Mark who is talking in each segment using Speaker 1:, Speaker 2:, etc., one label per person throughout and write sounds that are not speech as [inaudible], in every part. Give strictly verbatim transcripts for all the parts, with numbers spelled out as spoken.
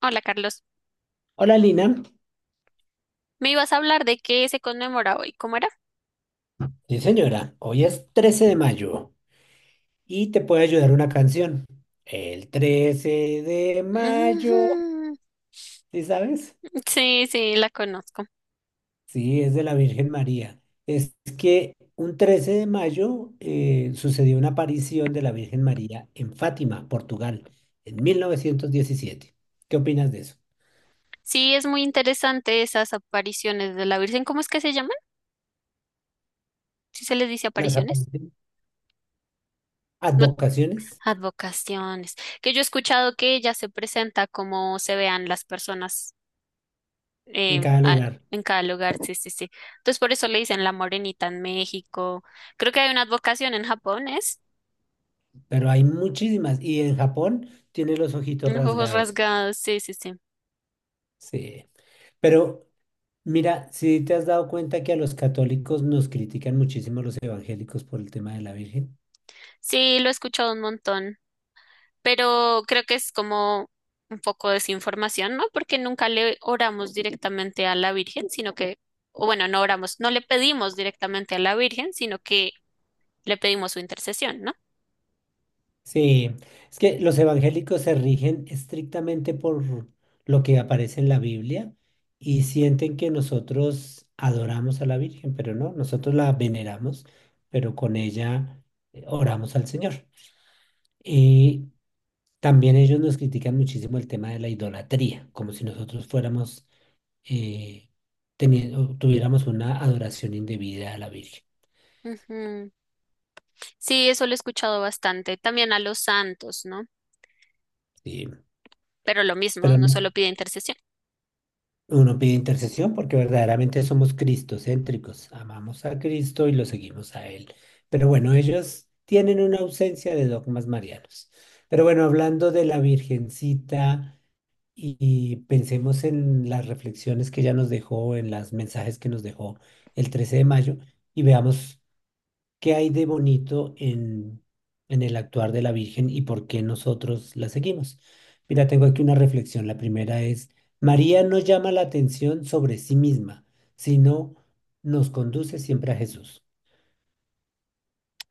Speaker 1: Hola, Carlos.
Speaker 2: Hola Lina,
Speaker 1: Me ibas a hablar de qué se conmemora hoy. ¿Cómo era?
Speaker 2: sí señora, hoy es trece de mayo y te puede ayudar una canción. El trece de mayo,
Speaker 1: Ujú.
Speaker 2: ¿sí sabes?
Speaker 1: Sí, sí, la conozco.
Speaker 2: Sí, es de la Virgen María. Es que un trece de mayo eh, sucedió una aparición de la Virgen María en Fátima, Portugal, en mil novecientos diecisiete. ¿Qué opinas de eso?
Speaker 1: Sí, es muy interesante esas apariciones de la Virgen. ¿Cómo es que se llaman? Si se les dice
Speaker 2: Las
Speaker 1: apariciones.
Speaker 2: apariciones,
Speaker 1: No,
Speaker 2: advocaciones
Speaker 1: advocaciones. Que yo he escuchado que ella se presenta como se vean las personas
Speaker 2: en
Speaker 1: eh,
Speaker 2: cada
Speaker 1: a-
Speaker 2: lugar,
Speaker 1: en cada lugar. Sí, sí, sí. Entonces por eso le dicen la morenita en México. Creo que hay una advocación en Japón, ¿es?
Speaker 2: pero hay muchísimas y en Japón tiene los ojitos
Speaker 1: Los ojos
Speaker 2: rasgados.
Speaker 1: rasgados. Sí, sí, sí.
Speaker 2: Sí. Pero mira, si te has dado cuenta que a los católicos nos critican muchísimo los evangélicos por el tema de la Virgen.
Speaker 1: Sí, lo he escuchado un montón. Pero creo que es como un poco desinformación, ¿no? Porque nunca le oramos directamente a la Virgen, sino que, o bueno, no oramos, no le pedimos directamente a la Virgen, sino que le pedimos su intercesión, ¿no?
Speaker 2: Sí, es que los evangélicos se rigen estrictamente por lo que aparece en la Biblia y sienten que nosotros adoramos a la Virgen, pero no, nosotros la veneramos, pero con ella eh, oramos al Señor. Y también ellos nos critican muchísimo el tema de la idolatría, como si nosotros fuéramos eh, teniendo, tuviéramos una adoración indebida a la Virgen.
Speaker 1: Ujú. Sí, eso lo he escuchado bastante. También a los santos, ¿no?
Speaker 2: Sí.
Speaker 1: Pero lo mismo,
Speaker 2: Pero
Speaker 1: uno
Speaker 2: no,
Speaker 1: solo pide intercesión.
Speaker 2: uno pide intercesión porque verdaderamente somos cristocéntricos, amamos a Cristo y lo seguimos a Él. Pero bueno, ellos tienen una ausencia de dogmas marianos. Pero bueno, hablando de la Virgencita y, y pensemos en las reflexiones que ella nos dejó, en los mensajes que nos dejó el trece de mayo y veamos. ¿Qué hay de bonito en, en el actuar de la Virgen y por qué nosotros la seguimos? Mira, tengo aquí una reflexión. La primera es, María no llama la atención sobre sí misma, sino nos conduce siempre a Jesús.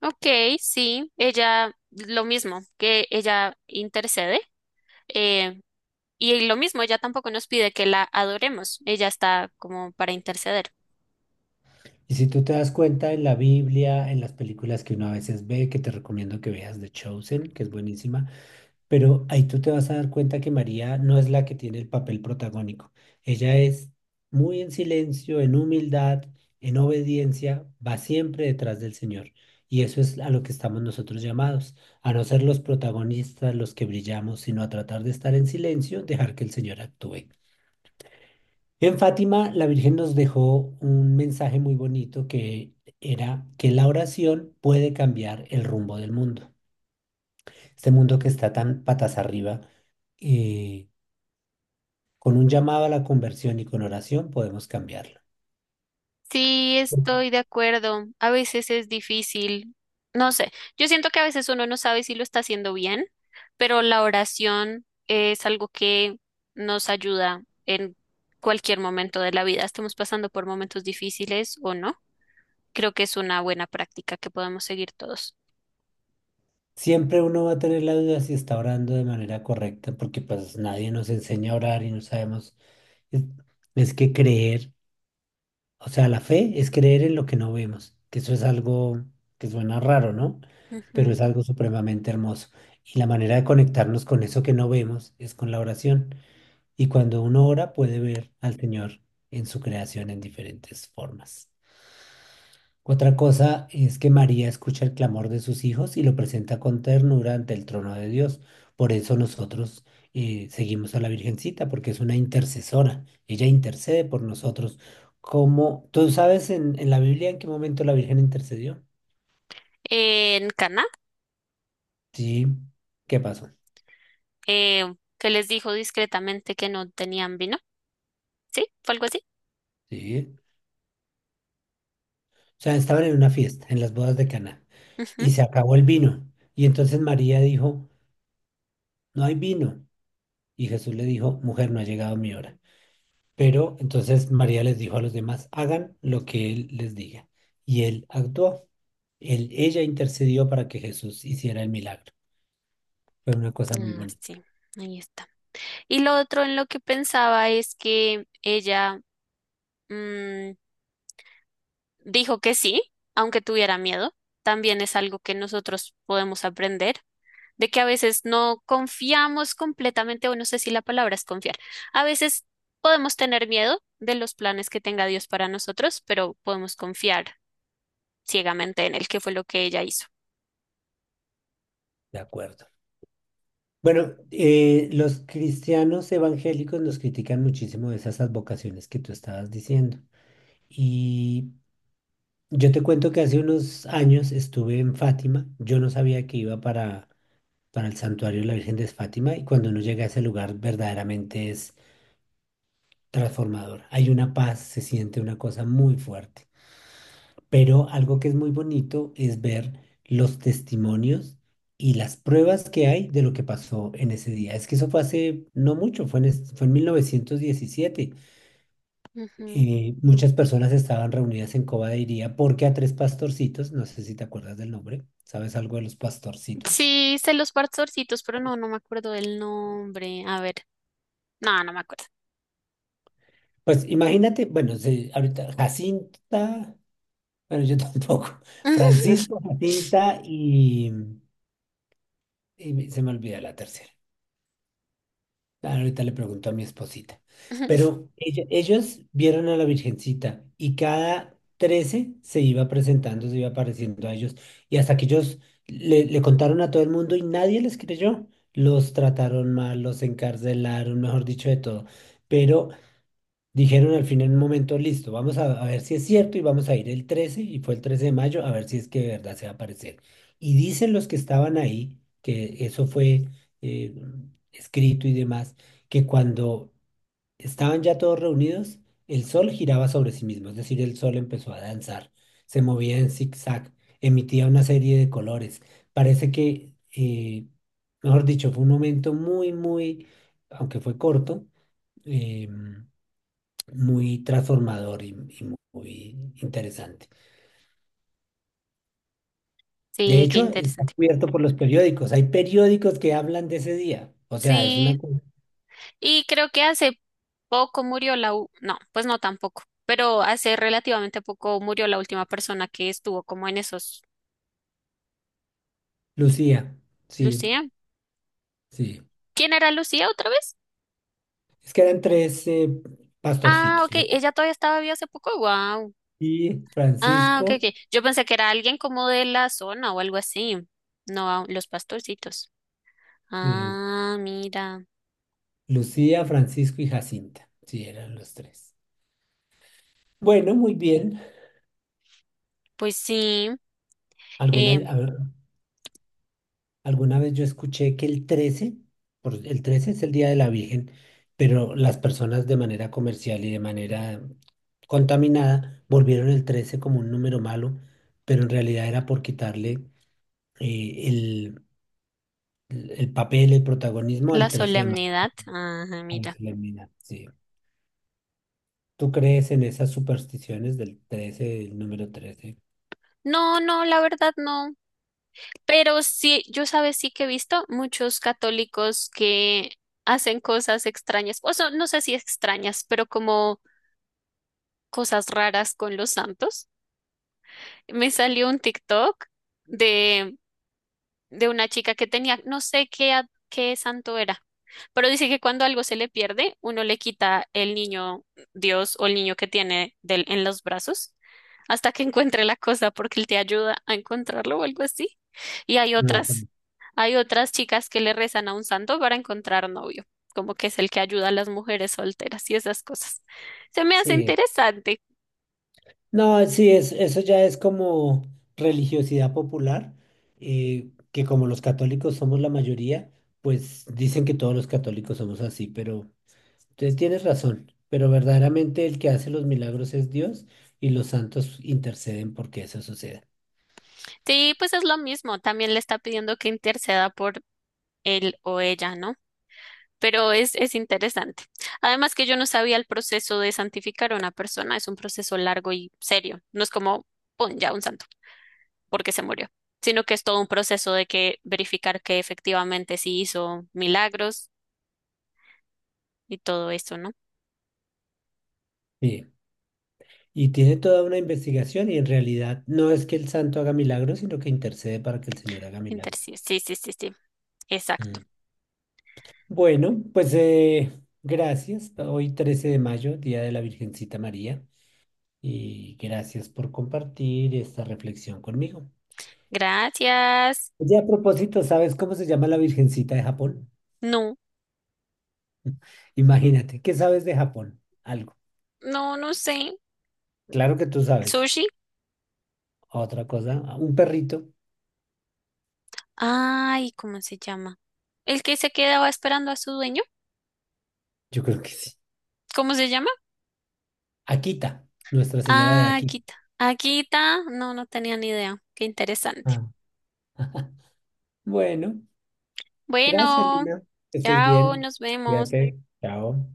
Speaker 1: Ok, sí, ella, lo mismo, que ella intercede. eh, y lo mismo, ella tampoco nos pide que la adoremos. Ella está como para interceder.
Speaker 2: Y si tú te das cuenta en la Biblia, en las películas que uno a veces ve, que te recomiendo que veas The Chosen, que es buenísima. Pero ahí tú te vas a dar cuenta que María no es la que tiene el papel protagónico. Ella es muy en silencio, en humildad, en obediencia, va siempre detrás del Señor. Y eso es a lo que estamos nosotros llamados, a no ser los protagonistas, los que brillamos, sino a tratar de estar en silencio, dejar que el Señor actúe. En Fátima, la Virgen nos dejó un mensaje muy bonito que era que la oración puede cambiar el rumbo del mundo. Este mundo que está tan patas arriba. eh, Con un llamado a la conversión y con oración podemos cambiarlo.
Speaker 1: Sí, estoy de acuerdo. A veces es difícil. No sé, yo siento que a veces uno no sabe si lo está haciendo bien, pero la oración es algo que nos ayuda en cualquier momento de la vida. Estamos pasando por momentos difíciles o no. Creo que es una buena práctica que podemos seguir todos.
Speaker 2: Siempre uno va a tener la duda si está orando de manera correcta, porque pues nadie nos enseña a orar y no sabemos. Es, es que creer, o sea, la fe es creer en lo que no vemos, que eso es algo que suena raro, ¿no? Pero
Speaker 1: Ujú.
Speaker 2: es algo supremamente hermoso. Y la manera de conectarnos con eso que no vemos es con la oración. Y cuando uno ora puede ver al Señor en su creación en diferentes formas. Otra cosa es que María escucha el clamor de sus hijos y lo presenta con ternura ante el trono de Dios. Por eso nosotros eh, seguimos a la Virgencita, porque es una intercesora. Ella intercede por nosotros. Como, ¿tú sabes en, en la Biblia en qué momento la Virgen intercedió?
Speaker 1: En Cana,
Speaker 2: Sí. ¿Qué pasó?
Speaker 1: eh, que les dijo discretamente que no tenían vino. ¿Sí? ¿Fue algo así?
Speaker 2: Sí. O sea, estaban en una fiesta, en las bodas de Caná,
Speaker 1: Ujú.
Speaker 2: y se acabó el vino. Y entonces María dijo, no hay vino. Y Jesús le dijo, mujer, no ha llegado mi hora. Pero entonces María les dijo a los demás, hagan lo que él les diga. Y él actuó. Él, ella intercedió para que Jesús hiciera el milagro. Fue una cosa muy
Speaker 1: Ah,
Speaker 2: bonita.
Speaker 1: sí, ahí está. Y lo otro en lo que pensaba es que ella mm, dijo que sí, aunque tuviera miedo. También es algo que nosotros podemos aprender, de que a veces no confiamos completamente, o no sé si la palabra es confiar. A veces podemos tener miedo de los planes que tenga Dios para nosotros, pero podemos confiar ciegamente en él, que fue lo que ella hizo.
Speaker 2: De acuerdo. Bueno, eh, los cristianos evangélicos nos critican muchísimo de esas advocaciones que tú estabas diciendo. Y yo te cuento que hace unos años estuve en Fátima. Yo no sabía que iba para, para el santuario de la Virgen de Fátima y cuando uno llega a ese lugar verdaderamente es transformador. Hay una paz, se siente una cosa muy fuerte. Pero algo que es muy bonito es ver los testimonios y las pruebas que hay de lo que pasó en ese día. Es que eso fue hace no mucho, fue en, es- fue en mil novecientos diecisiete. Eh, muchas personas estaban reunidas en Coba de Iría porque a tres pastorcitos, no sé si te acuerdas del nombre, ¿sabes algo de los pastorcitos?
Speaker 1: Sí, sé los pastorcitos, pero no, no me acuerdo del nombre. A ver, no, no me acuerdo.
Speaker 2: Pues imagínate, bueno, se- ahorita Jacinta, bueno, yo [laughs] tampoco, Francisco, Jacinta y... Y me- se me olvida la tercera. Ah, ahorita le pregunto a mi esposita.
Speaker 1: [laughs]
Speaker 2: Pero ella- ellos vieron a la Virgencita y cada trece se iba presentando, se iba apareciendo a ellos. Y hasta que ellos le, le contaron a todo el mundo y nadie les creyó. Los trataron mal, los encarcelaron, mejor dicho, de todo. Pero dijeron al fin en un momento, listo, vamos a, a ver si es cierto y vamos a ir el trece y fue el trece de mayo, a ver si es que de verdad se va a aparecer. Y dicen los que estaban ahí, que eso fue eh, escrito y demás, que cuando estaban ya todos reunidos, el sol giraba sobre sí mismo, es decir, el sol empezó a danzar, se movía en zigzag, emitía una serie de colores. Parece que, eh, mejor dicho, fue un momento muy, muy, aunque fue corto, em, muy transformador y, y muy interesante. De
Speaker 1: Sí, qué
Speaker 2: hecho, está
Speaker 1: interesante.
Speaker 2: cubierto por los periódicos. Hay periódicos que hablan de ese día. O sea, es
Speaker 1: Sí,
Speaker 2: una... cosa.
Speaker 1: y creo que hace poco murió la u- No, pues no tampoco, pero hace relativamente poco murió la última persona que estuvo como en esos.
Speaker 2: Lucía, sí,
Speaker 1: ¿Lucía?
Speaker 2: sí.
Speaker 1: ¿Quién era Lucía otra vez?
Speaker 2: Es que eran tres eh,
Speaker 1: Ah,
Speaker 2: pastorcitos.
Speaker 1: ok,
Speaker 2: Lu-
Speaker 1: ella todavía estaba viva hace poco. Wow.
Speaker 2: Y
Speaker 1: Ah, ok,
Speaker 2: Francisco,
Speaker 1: ok. Yo pensé que era alguien como de la zona o algo así. No, los pastorcitos.
Speaker 2: sí.
Speaker 1: Ah, mira.
Speaker 2: Lucía, Francisco y Jacinta. Sí, eran los tres. Bueno, muy bien.
Speaker 1: Pues sí.
Speaker 2: ¿Alguna,
Speaker 1: Eh,
Speaker 2: a ver, alguna vez yo escuché que el trece por, el trece es el Día de la Virgen, pero las personas de manera comercial y de manera contaminada volvieron el trece como un número malo, pero en realidad era por quitarle eh, el, el- papel, el protagonismo
Speaker 1: la
Speaker 2: al trece de mayo,
Speaker 1: solemnidad, ajá,
Speaker 2: a la
Speaker 1: mira.
Speaker 2: solemnidad, sí. ¿Tú crees en esas supersticiones del trece, del número trece?
Speaker 1: No, no, la verdad no. Pero sí, yo sabes, sí que he visto muchos católicos que hacen cosas extrañas, o sea, no sé si extrañas, pero como cosas raras con los santos. Me salió un TikTok de de una chica que tenía, no sé qué, a- qué santo era, pero dice que cuando algo se le pierde, uno le quita el niño Dios o el niño que tiene del, en los brazos hasta que [laughs] encuentre la cosa porque él te ayuda a encontrarlo o algo así. Y hay
Speaker 2: No.
Speaker 1: otras,
Speaker 2: También.
Speaker 1: hay otras chicas que le rezan a un santo para encontrar novio, como que es el que ayuda a las mujeres solteras y esas cosas. Se me hace
Speaker 2: Sí,
Speaker 1: interesante.
Speaker 2: no, sí, es, eso ya es como religiosidad popular, eh, que como los católicos somos la mayoría, pues dicen que todos los católicos somos así, pero entonces tienes razón, pero verdaderamente el que hace los milagros es Dios y los santos interceden porque eso suceda.
Speaker 1: Sí, pues es lo mismo, también le está pidiendo que interceda por él o ella, ¿no? Pero es, es interesante. Además que yo no sabía el proceso de santificar a una persona, es un proceso largo y serio. No es como, pon ya un santo, porque se murió, sino que es todo un proceso de que verificar que efectivamente sí hizo milagros y todo eso, ¿no?
Speaker 2: Sí, y tiene toda una investigación y en realidad no es que el santo haga milagros, sino que intercede para que el Señor haga
Speaker 1: Inter-
Speaker 2: milagros.
Speaker 1: sí, sí, sí, sí, sí. Exacto.
Speaker 2: Mm. Bueno, pues eh, gracias. Hoy trece de mayo, Día de la Virgencita María, y gracias por compartir esta reflexión conmigo.
Speaker 1: Gracias.
Speaker 2: Oye, a propósito, ¿sabes cómo se llama la Virgencita de Japón?
Speaker 1: No,
Speaker 2: Imagínate, ¿qué sabes de Japón? Algo.
Speaker 1: no, no sé.
Speaker 2: Claro que tú sabes.
Speaker 1: ¿Sushi?
Speaker 2: Otra cosa, un perrito.
Speaker 1: Ay, ¿cómo se llama? ¿El que se quedaba esperando a su dueño?
Speaker 2: Yo creo que sí.
Speaker 1: ¿Cómo se llama?
Speaker 2: Akita, Nuestra Señora de
Speaker 1: Ah,
Speaker 2: Akita.
Speaker 1: Akita. Akita, no, no tenía ni idea. Qué interesante.
Speaker 2: Ah, bueno, gracias,
Speaker 1: Bueno,
Speaker 2: Lina. Que estés
Speaker 1: chao,
Speaker 2: bien.
Speaker 1: nos vemos.
Speaker 2: Cuídate. Chao.